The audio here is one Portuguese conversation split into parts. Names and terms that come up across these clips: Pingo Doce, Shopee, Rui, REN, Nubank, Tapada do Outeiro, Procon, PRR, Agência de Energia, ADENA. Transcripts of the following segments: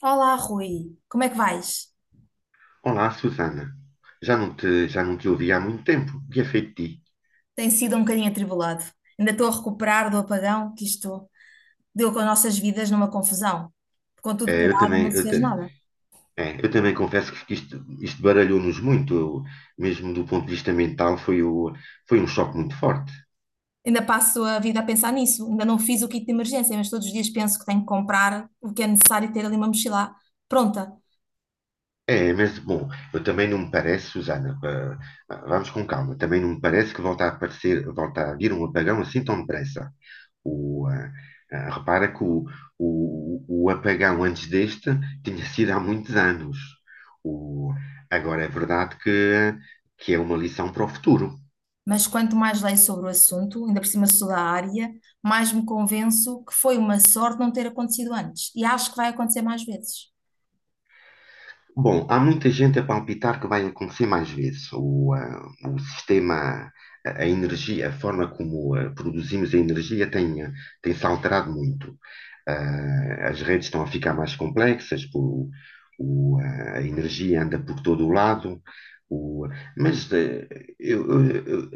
Olá, Rui. Como é que vais? Olá, Susana. Já não te ouvi há muito tempo. O que é feito de ti? Tem sido um bocadinho atribulado. Ainda estou a recuperar do apagão que isto deu com as nossas vidas numa confusão. Com tudo É, eu parado, também, não se eu, ta- fez nada. é, Eu também confesso que isto baralhou-nos muito, mesmo do ponto de vista mental, foi um choque muito forte. Ainda passo a vida a pensar nisso. Ainda não fiz o kit de emergência, mas todos os dias penso que tenho que comprar o que é necessário e ter ali uma mochila pronta. É, mas bom, eu também não me parece, Susana, vamos com calma, também não me parece que volta a vir um apagão assim tão depressa. O, ah, Repara que o apagão antes deste tinha sido há muitos anos. O, Agora é verdade que é uma lição para o futuro. Mas quanto mais leio sobre o assunto, ainda por cima sou da área, mais me convenço que foi uma sorte não ter acontecido antes. E acho que vai acontecer mais vezes. Bom, há muita gente a palpitar que vai acontecer mais vezes. O sistema, a energia, a forma como produzimos a energia tem-se alterado muito. As redes estão a ficar mais complexas, a energia anda por todo o lado. O, mas eh, eu, eu, eu-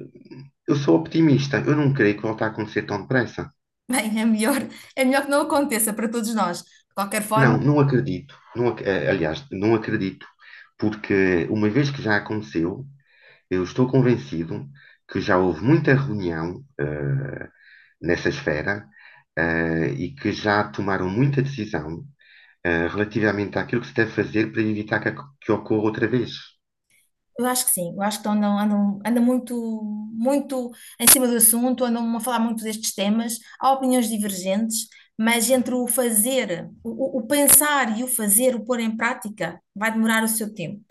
Eu sou optimista, eu não creio que volte a acontecer tão depressa. Bem, é melhor que não aconteça para todos nós. De qualquer forma, Não, não acredito. Não acredito, porque uma vez que já aconteceu. Eu estou convencido que já houve muita reunião, nessa esfera, e que já tomaram muita decisão, relativamente àquilo que se deve fazer para evitar que ocorra outra vez. eu acho que sim, eu acho que andam muito em cima do assunto, andam a falar muito destes temas. Há opiniões divergentes, mas entre o fazer, o pensar e o fazer, o pôr em prática, vai demorar o seu tempo.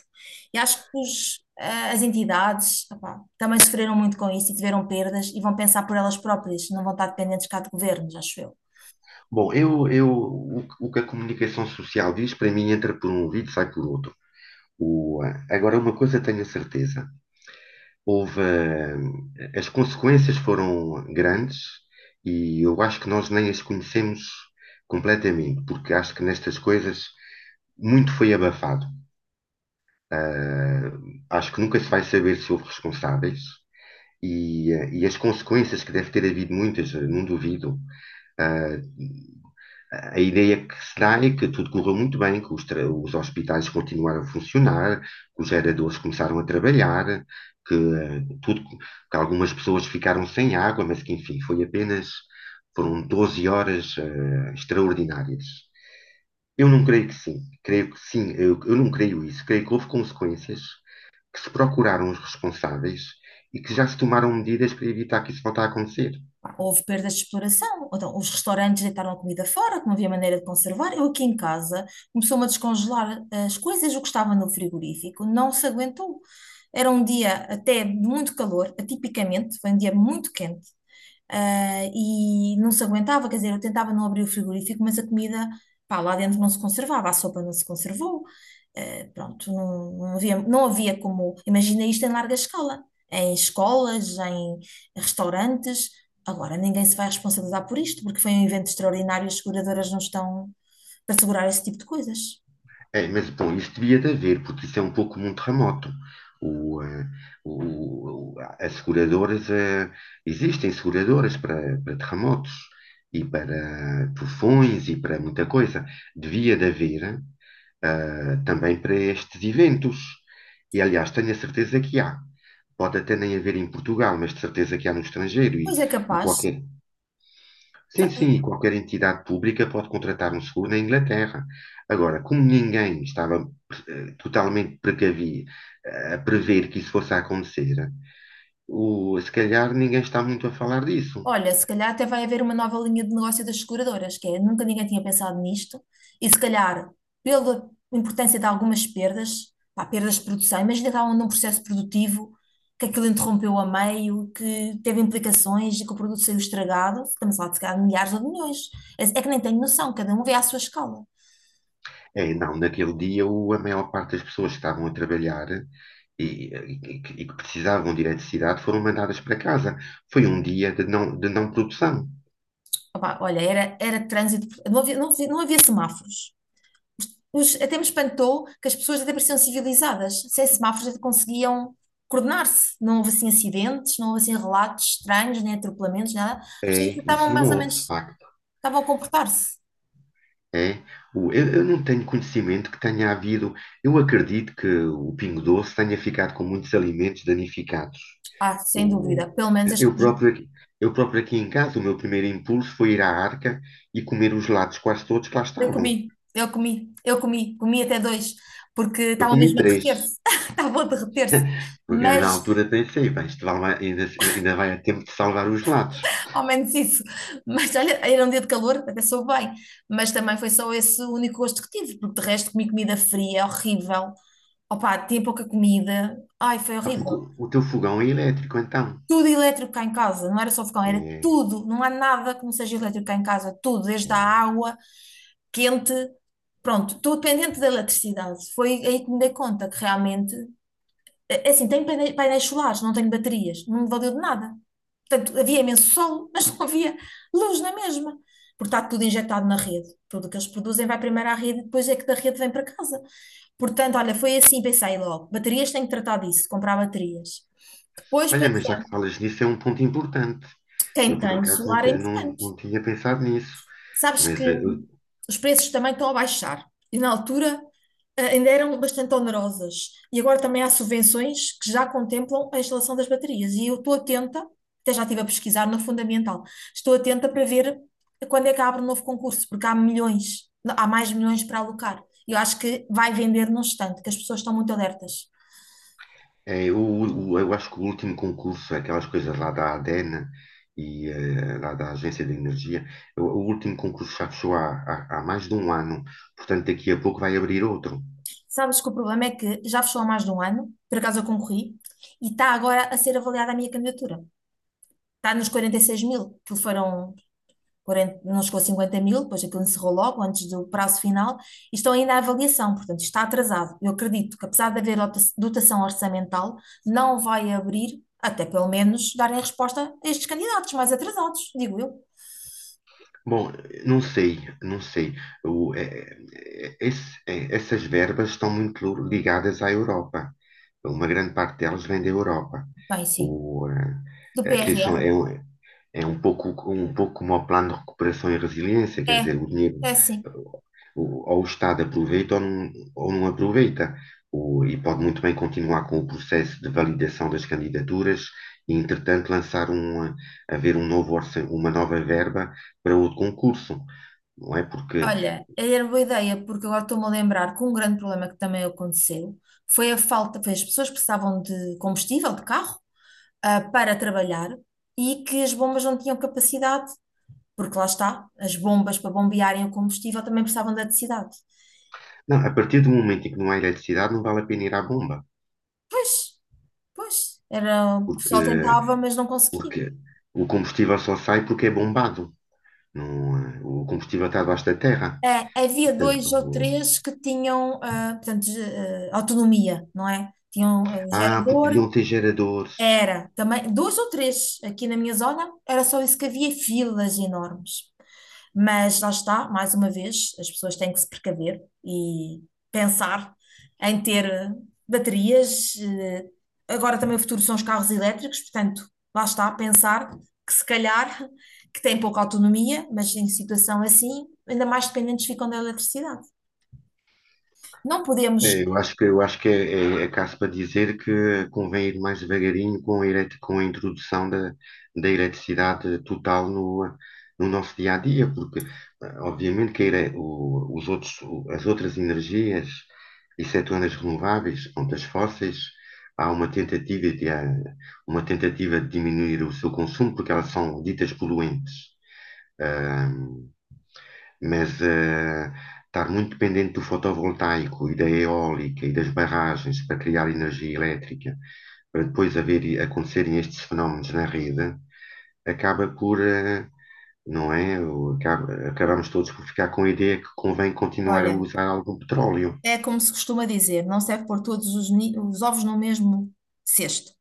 E acho que as entidades, opá, também sofreram muito com isso e tiveram perdas e vão pensar por elas próprias, não vão estar dependentes cá de governos, acho eu. Bom, eu, o que a comunicação social diz, para mim, entra por um ouvido e sai por outro. Agora, uma coisa tenho a certeza: houve, as consequências foram grandes e eu acho que nós nem as conhecemos completamente, porque acho que nestas coisas muito foi abafado. Acho que nunca se vai saber se houve responsáveis e as consequências que deve ter havido muitas, não duvido. Uh, a ideia que se dá é que tudo correu muito bem, os hospitais continuaram a funcionar, que os geradores começaram a trabalhar, que, uh, tudo, que algumas pessoas ficaram sem água, mas que enfim, foram 12 horas extraordinárias. Eu não creio que sim, creio que sim, eu não creio isso, creio que houve consequências que se procuraram os responsáveis e que já se tomaram medidas para evitar que isso volte a acontecer. Pá, houve perdas de exploração, então, os restaurantes deitaram a comida fora, que não havia maneira de conservar. Eu aqui em casa começou-me a descongelar as coisas, o que estava no frigorífico, não se aguentou. Era um dia até de muito calor, atipicamente, foi um dia muito quente, e não se aguentava, quer dizer, eu tentava não abrir o frigorífico, mas a comida, pá, lá dentro não se conservava, a sopa não se conservou, não havia como. Imagina isto em larga escala, em escolas, em restaurantes. Agora ninguém se vai responsabilizar por isto, porque foi um evento extraordinário e as seguradoras não estão para segurar esse tipo de coisas. É, mas, bom, isso devia de haver, porque isso é um pouco como um terremoto. O, eh, As seguradoras, existem seguradoras para, para terremotos e para tufões e para muita coisa. Devia de haver também para estes eventos. E, aliás, tenho a certeza que há. Pode até nem haver em Portugal, mas de certeza que há no estrangeiro e, Pois é e capaz. qualquer Sim, sim, e qualquer entidade pública pode contratar um seguro na Inglaterra. Agora, como ninguém estava totalmente precavido a prever que isso fosse a acontecer, se calhar ninguém está muito a falar disso. Olha, se calhar até vai haver uma nova linha de negócio das seguradoras, que é nunca ninguém tinha pensado nisto, e se calhar, pela importância de algumas perdas, pá, perdas de produção, imagina que estavam num processo produtivo que aquilo interrompeu a meio, que teve implicações e que o produto saiu estragado, estamos lá de se calhar de milhares ou de milhões. É, é que nem tenho noção, cada um vê à sua escala. É, não, naquele dia a maior parte das pessoas que estavam a trabalhar e, e que precisavam de eletricidade foram mandadas para casa. Foi um dia de não produção. Opá, olha, era trânsito, não havia semáforos. Até me espantou que as pessoas até pareciam civilizadas, sem semáforos até conseguiam coordenar-se. Não houve assim acidentes, não houve assim relatos estranhos, nem atropelamentos, nada. As É, pessoas até isso estavam mais não ou houve, de menos, facto. estavam a comportar-se. É, eu não tenho conhecimento que tenha havido. Eu acredito que o Pingo Doce tenha ficado com muitos alimentos danificados. Ah, sem O, dúvida. Pelo menos eu próprio, aqui- Eu próprio aqui em casa, o meu primeiro impulso foi ir à arca e comer os lados quase todos que lá estavam. Comi até dois, porque Eu estavam comi mesmo a três, derreter-se. Estavam a derreter-se. porque eu, na Mas, altura pensei, bem, isto vai, vai- ainda, ainda vai a tempo de salvar os lados. ao menos isso. Mas olha, era um dia de calor, até soube bem. Mas também foi só esse o único gosto que tive, porque de resto comi comida fria, horrível. Opa, tinha pouca comida. Ai, foi Ah, horrível. porque o teu fogão é elétrico, então. Tudo elétrico cá em casa, não era só fogão, era É. tudo. Não há nada que não seja elétrico cá em casa, tudo, desde a É. água quente. Pronto, estou dependente da eletricidade. Foi aí que me dei conta que realmente é assim, tenho painéis solares, não tenho baterias, não me valeu de nada. Portanto, havia imenso sol, mas não havia luz na mesma, porque está tudo injetado na rede. Tudo o que eles produzem vai primeiro à rede, depois é que da rede vem para casa. Portanto, olha, foi assim, pensei logo, baterias tenho que tratar disso, comprar baterias. Depois Olha, pensei, mas já que falas nisso, é um ponto importante. quem Eu, por tem acaso, solar é não, importante. não tinha pensado nisso. Sabes que Mas eh, eu- os preços também estão a baixar e na altura ainda eram bastante onerosas. E agora também há subvenções que já contemplam a instalação das baterias. E eu estou atenta, até já estive a pesquisar na Fundamental, estou atenta para ver quando é que abre um novo concurso, porque há milhões, há mais milhões para alocar. Eu acho que vai vender num instante, que as pessoas estão muito alertas. Eu acho que o último concurso, aquelas coisas lá da ADENA e lá da Agência de Energia, o último concurso já fechou há mais de um ano. Portanto, daqui a pouco vai abrir outro. Sabes que o problema é que já fechou há mais de um ano, por acaso eu concorri, e está agora a ser avaliada a minha candidatura. Está nos 46 mil, que foram 40, não chegou a 50 mil, depois aquilo encerrou logo antes do prazo final, e estão ainda à avaliação, portanto, está atrasado. Eu acredito que, apesar de haver dotação orçamental, não vai abrir, até pelo menos darem resposta a estes candidatos mais atrasados, digo eu. Bom, não sei, não sei. Essas verbas estão muito ligadas à Europa. Uma grande parte delas vem da Europa. Bem, sim. O, Do Aqui PRR. É um pouco como o plano de recuperação e resiliência, quer dizer, É, o dinheiro, é eh, sim. Ou o Estado aproveita ou não aproveita. E pode muito bem continuar com o processo de validação das candidaturas e, entretanto, haver um novo uma nova verba para outro concurso, não é? Porque, Olha, era boa ideia, porque agora estou-me a lembrar que um grande problema que também aconteceu foi a falta, foi as pessoas que precisavam de combustível, de carro, para trabalhar, e que as bombas não tinham capacidade, porque lá está, as bombas para bombearem o combustível também precisavam de eletricidade. não, a partir do momento em que não há eletricidade, não vale a pena ir à bomba, Pois, pois, era. O porque pessoal tentava, mas não conseguia. Porque o combustível só sai porque é bombado. Não, eh, O combustível está debaixo da terra. É, havia Portanto, dois ou três que tinham, portanto, autonomia, não é? Tinham, ah, porque gerador. deviam ter geradores. Era, também, duas ou três aqui na minha zona, era só isso que havia, filas enormes. Mas lá está, mais uma vez, as pessoas têm que se precaver e pensar em ter baterias. Agora também o futuro são os carros elétricos, portanto, lá está, pensar que se calhar que têm pouca autonomia, mas em situação assim, ainda mais dependentes ficam da eletricidade. Não podemos, É, eu acho que é, é, é caso para dizer que convém ir mais devagarinho com a introdução da eletricidade total no nosso dia a dia, porque obviamente que a ele- o- os outros, o- as outras energias, excetuando as renováveis, quanto as fósseis, há uma tentativa de diminuir o seu consumo, porque elas são ditas poluentes, mas estar muito dependente do fotovoltaico e da eólica e das barragens para criar energia elétrica, para acontecerem estes fenómenos na rede, acaba por, eh, não é? Acabamos todos por ficar com a ideia que convém continuar a olha, usar algum petróleo. é como se costuma dizer, não serve pôr todos os ovos no mesmo cesto.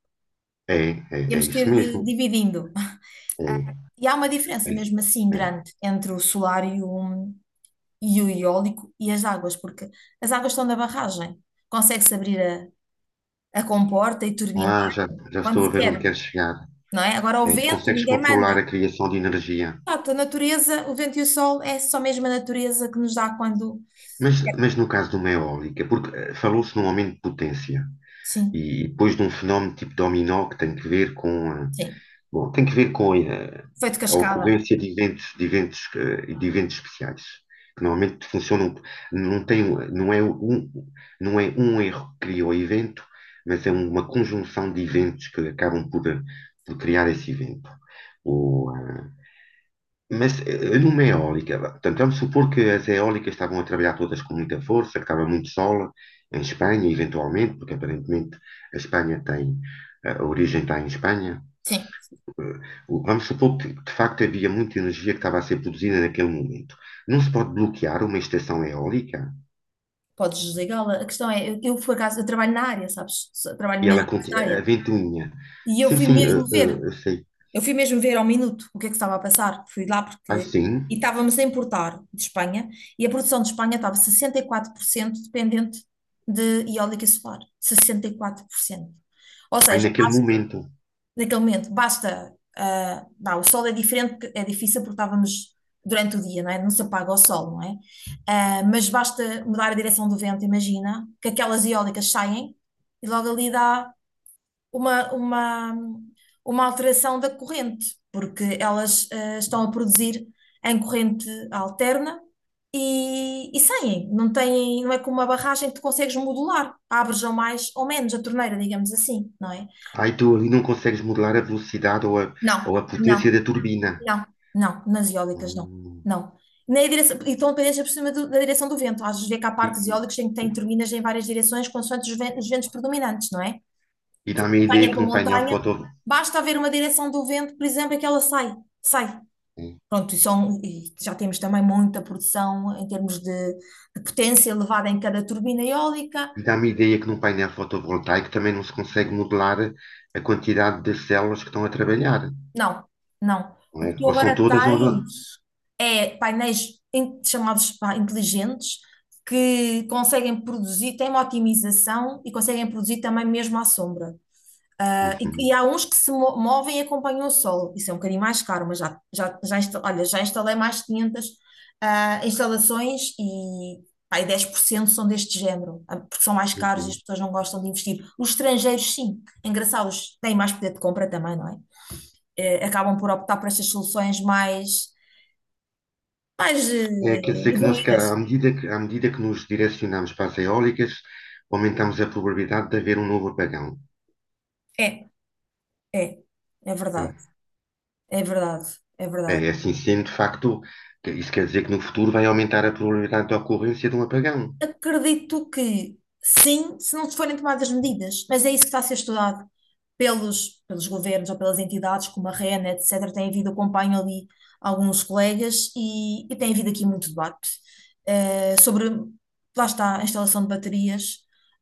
É, é, é Temos que isso ir mesmo. dividindo. Ah, É, e há uma é, diferença mesmo assim é. grande entre o solar e o eólico e as águas, porque as águas estão na barragem. Consegue-se abrir a comporta e turbina Ah, já, já quando estou a se ver onde quer, queres chegar. não é? Agora o É, vento, consegues ninguém manda. controlar a criação de energia. Pronto, a natureza, o vento e o sol é só mesmo a natureza que nos dá quando. Mas no caso de uma eólica, porque falou-se num aumento de potência. Sim, E depois de um fenómeno tipo dominó que tem que ver sim. Tem que ver com Feito a cascada. ocorrência de eventos, de eventos especiais, que normalmente funcionam, não tem, não é não é um erro que cria o evento, mas é uma conjunção de eventos que acabam por criar esse evento. Ou, Numa eólica, vá, portanto, vamos supor que as eólicas estavam a trabalhar todas com muita força, que estava muito sol em Espanha, eventualmente, porque aparentemente a Espanha tem, a origem está em Espanha. Sim, Eh, Vamos supor que de facto havia muita energia que estava a ser produzida naquele momento. Não se pode bloquear uma estação eólica podes desligá-la. A questão é, eu por acaso, eu trabalho na área, sabes? Trabalho e mesmo nesta a área. ventoinha. E eu Sim, fui sim, mesmo ver. Eu sei. Eu fui mesmo ver ao minuto o que é que estava a passar. Fui lá Ai, porque. sim, E estávamos a importar de Espanha, e a produção de Espanha estava 64% dependente de eólica e solar. 64%. Ou ai seja, naquele basta, momento. naquele momento, basta. Não, o sol é diferente, porque é difícil porque estávamos durante o dia, não é? Não se apaga o sol, não é? Ah, mas basta mudar a direção do vento, imagina, que aquelas eólicas saem e logo ali dá uma, uma, uma alteração da corrente, porque elas estão a produzir em corrente alterna e saem. Não têm, não é como uma barragem que tu consegues modular, abres ou mais ou menos a torneira, digamos assim, não é? Ai, tu ali não consegues modelar a velocidade Não, ou a potência não, da turbina. não, não, nas eólicas não, Hum. não. Na direção, e estão dependentes por cima do- da direção do vento. Às vezes vê que há E, parques e, eólicos em que têm turbinas em várias direções, consoante os ventos predominantes, não é? e De dá-me a ideia montanha que para num painel foto... montanha, basta haver uma direção do vento, por exemplo, e que ela sai, sai. é, Pronto, e, são, e já temos também muita produção em termos de potência elevada em cada turbina eólica. e dá-me a ideia que num painel fotovoltaico também não se consegue modelar a quantidade de células que estão a trabalhar, Não, não. não O que é? tu Ou são agora todas ou não. tens é painéis chamados pá, inteligentes, que conseguem produzir, têm uma otimização e conseguem produzir também mesmo à sombra. Ah, e Uhum, há uns que se movem e acompanham o sol. Isso é um bocadinho mais caro, mas olha, já instalei mais de 500 instalações, e pá, e 10% são deste género, porque são mais caros e as uhum. pessoas não gostam de investir. Os estrangeiros, sim, engraçados, têm mais poder de compra também, não é? Acabam por optar por estas soluções mais, É, quer dizer que à evoluídas. medida que, à medida que nos direcionamos para as eólicas, aumentamos a probabilidade de haver um novo apagão. É, é, é verdade, Hum. é verdade, é É, verdade. é assim sendo, de facto, isso quer dizer que no futuro vai aumentar a probabilidade de ocorrência de um apagão. Acredito que sim, se não se forem tomadas medidas, mas é isso que está a ser estudado pelos governos ou pelas entidades como a REN, etc. Tem havido, acompanho ali alguns colegas e tem havido aqui muito debate sobre, lá está, a instalação de baterias,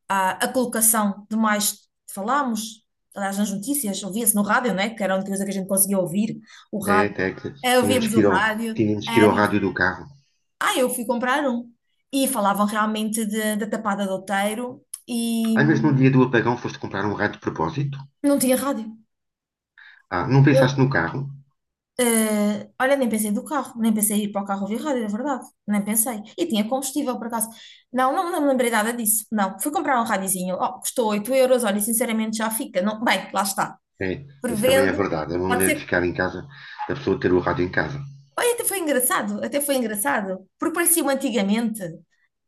a colocação de mais, falámos, aliás, nas notícias, ouvia-se no rádio, né, que era a única coisa que a gente conseguia ouvir, o É, rádio. até que Eh, tínhamos ouvíamos que o ir ao, rádio, tínhamos que ir ao rádio do carro. Eu fui comprar um. E falavam realmente da Tapada do Outeiro, e Às vezes, no dia do apagão, foste comprar um raio de propósito. não tinha rádio. Ah, não pensaste Eu, no carro. Olha, nem pensei do carro, nem pensei em ir para o carro ouvir rádio, é verdade. Nem pensei. E tinha combustível, por acaso. Não, não, não me lembrei nada disso. Não, fui comprar um radiozinho. Oh, custou 8 euros, olha, sinceramente já fica. Não, bem, lá está. É, isso também é Prevendo, verdade. É uma pode maneira de ser. ficar em casa, da pessoa ter o rádio em casa. Olha, até foi engraçado, porque parecia-me antigamente.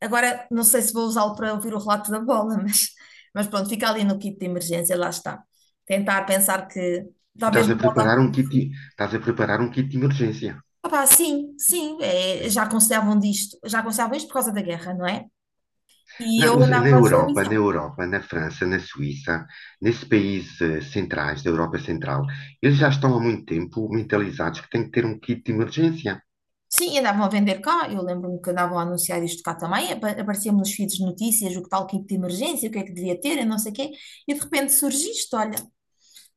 Agora não sei se vou usá-lo para ouvir o relato da bola, mas pronto, fica ali no kit de emergência, lá está. Tentar pensar que Tu talvez estás a não volte a preparar acontecer. Estás a preparar um kit de emergência. Opá, sim, sim, é, Né? já aconselhavam disto, já aconselhavam isto por causa da guerra, não é? E eu Na andava a Europa, na desvalorizar. Europa, na França, na Suíça, nesses países centrais, da Europa Central, eles já estão há muito tempo mentalizados que têm que ter um kit de emergência. Sim, andavam a vender cá, eu lembro-me que andavam a anunciar isto cá também, aparecia-me nos feeds de notícias o que tal kit de emergência, o que é que devia ter, eu não sei o quê, e de repente surge isto, olha.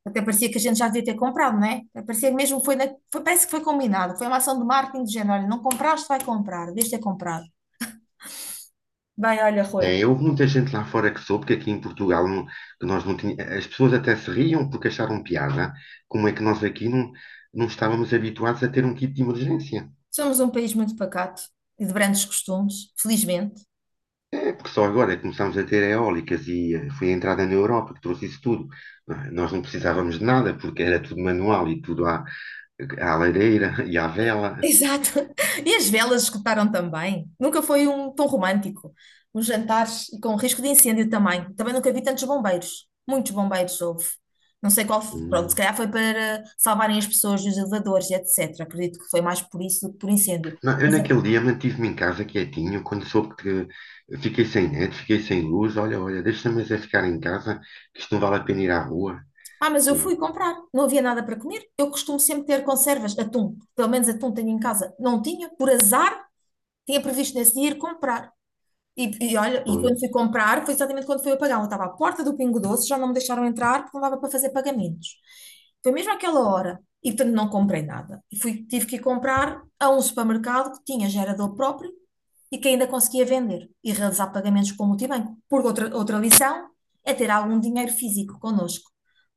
Até parecia que a gente já devia ter comprado, não é? Parecia que mesmo foi, parece que foi combinado. Foi uma ação de marketing de género. Olha, não compraste, vai comprar. Devias ter comprado. Bem, olha, Rui, É, houve muita gente lá fora que soube que aqui em Portugal que nós não tinha, as pessoas até se riam porque acharam piada. Como é que nós aqui não estávamos habituados a ter um kit de emergência? somos um país muito pacato e de grandes costumes, felizmente. É porque só agora começámos a ter eólicas e foi a entrada na Europa que trouxe isso tudo. Não é? Nós não precisávamos de nada porque era tudo manual e tudo à lareira e à vela. Exato. E as velas escutaram também. Nunca foi um tão romântico. Os jantares e com risco de incêndio também. Também nunca vi tantos bombeiros. Muitos bombeiros houve. Não sei qual. Pronto, se Hum. calhar foi para salvarem as pessoas dos elevadores, etc. Acredito que foi mais por isso do que por incêndio. Não, eu naquele dia mantive-me em casa quietinho, quando soube que fiquei sem net, fiquei sem luz, olha, olha, deixa-me mas é ficar em casa, que isto não vale a pena ir à rua. Ah, mas eu O- fui comprar, não havia nada para comer. Eu costumo sempre ter conservas, atum, pelo menos atum tenho em casa. Não tinha, por azar, tinha previsto nesse dia ir comprar. E, e olha, e quando fui Pois, comprar, foi exatamente quando fui a pagar. Eu estava à porta do Pingo Doce, já não me deixaram entrar porque não dava para fazer pagamentos. Foi mesmo àquela hora. E portanto não comprei nada. E fui, tive que ir comprar a um supermercado que tinha gerador próprio, e que ainda conseguia vender e realizar pagamentos com o multibanco. Porque outra, outra lição é ter algum dinheiro físico connosco.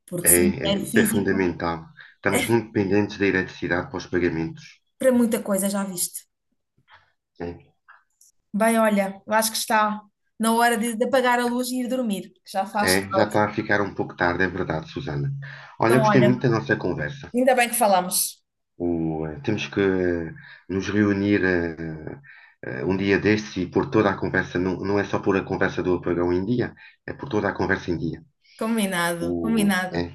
Porque é, sem é, dinheiro isso é físico, fundamental. Estamos muito dependentes da eletricidade para os pagamentos. para muita coisa já viste. É, Bem, olha, eu acho que está na hora de apagar a luz e ir dormir, que já faz é, já tarde. está a ficar um pouco tarde, é verdade, Susana. Olha, Então, gostei olha, muito da nossa conversa. ainda bem que falamos. Temos que nos reunir um dia destes e pôr toda a conversa, não, não é só pôr a conversa do apagão em dia, é pôr toda a conversa em dia. Combinado, É. combinado.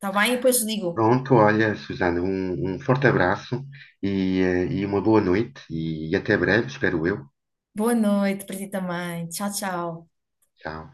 Tá bem? E depois digo. Pronto, olha, Susana, um forte abraço e uma boa noite e até breve, espero eu. Boa noite para ti também. Tchau, tchau. Tchau.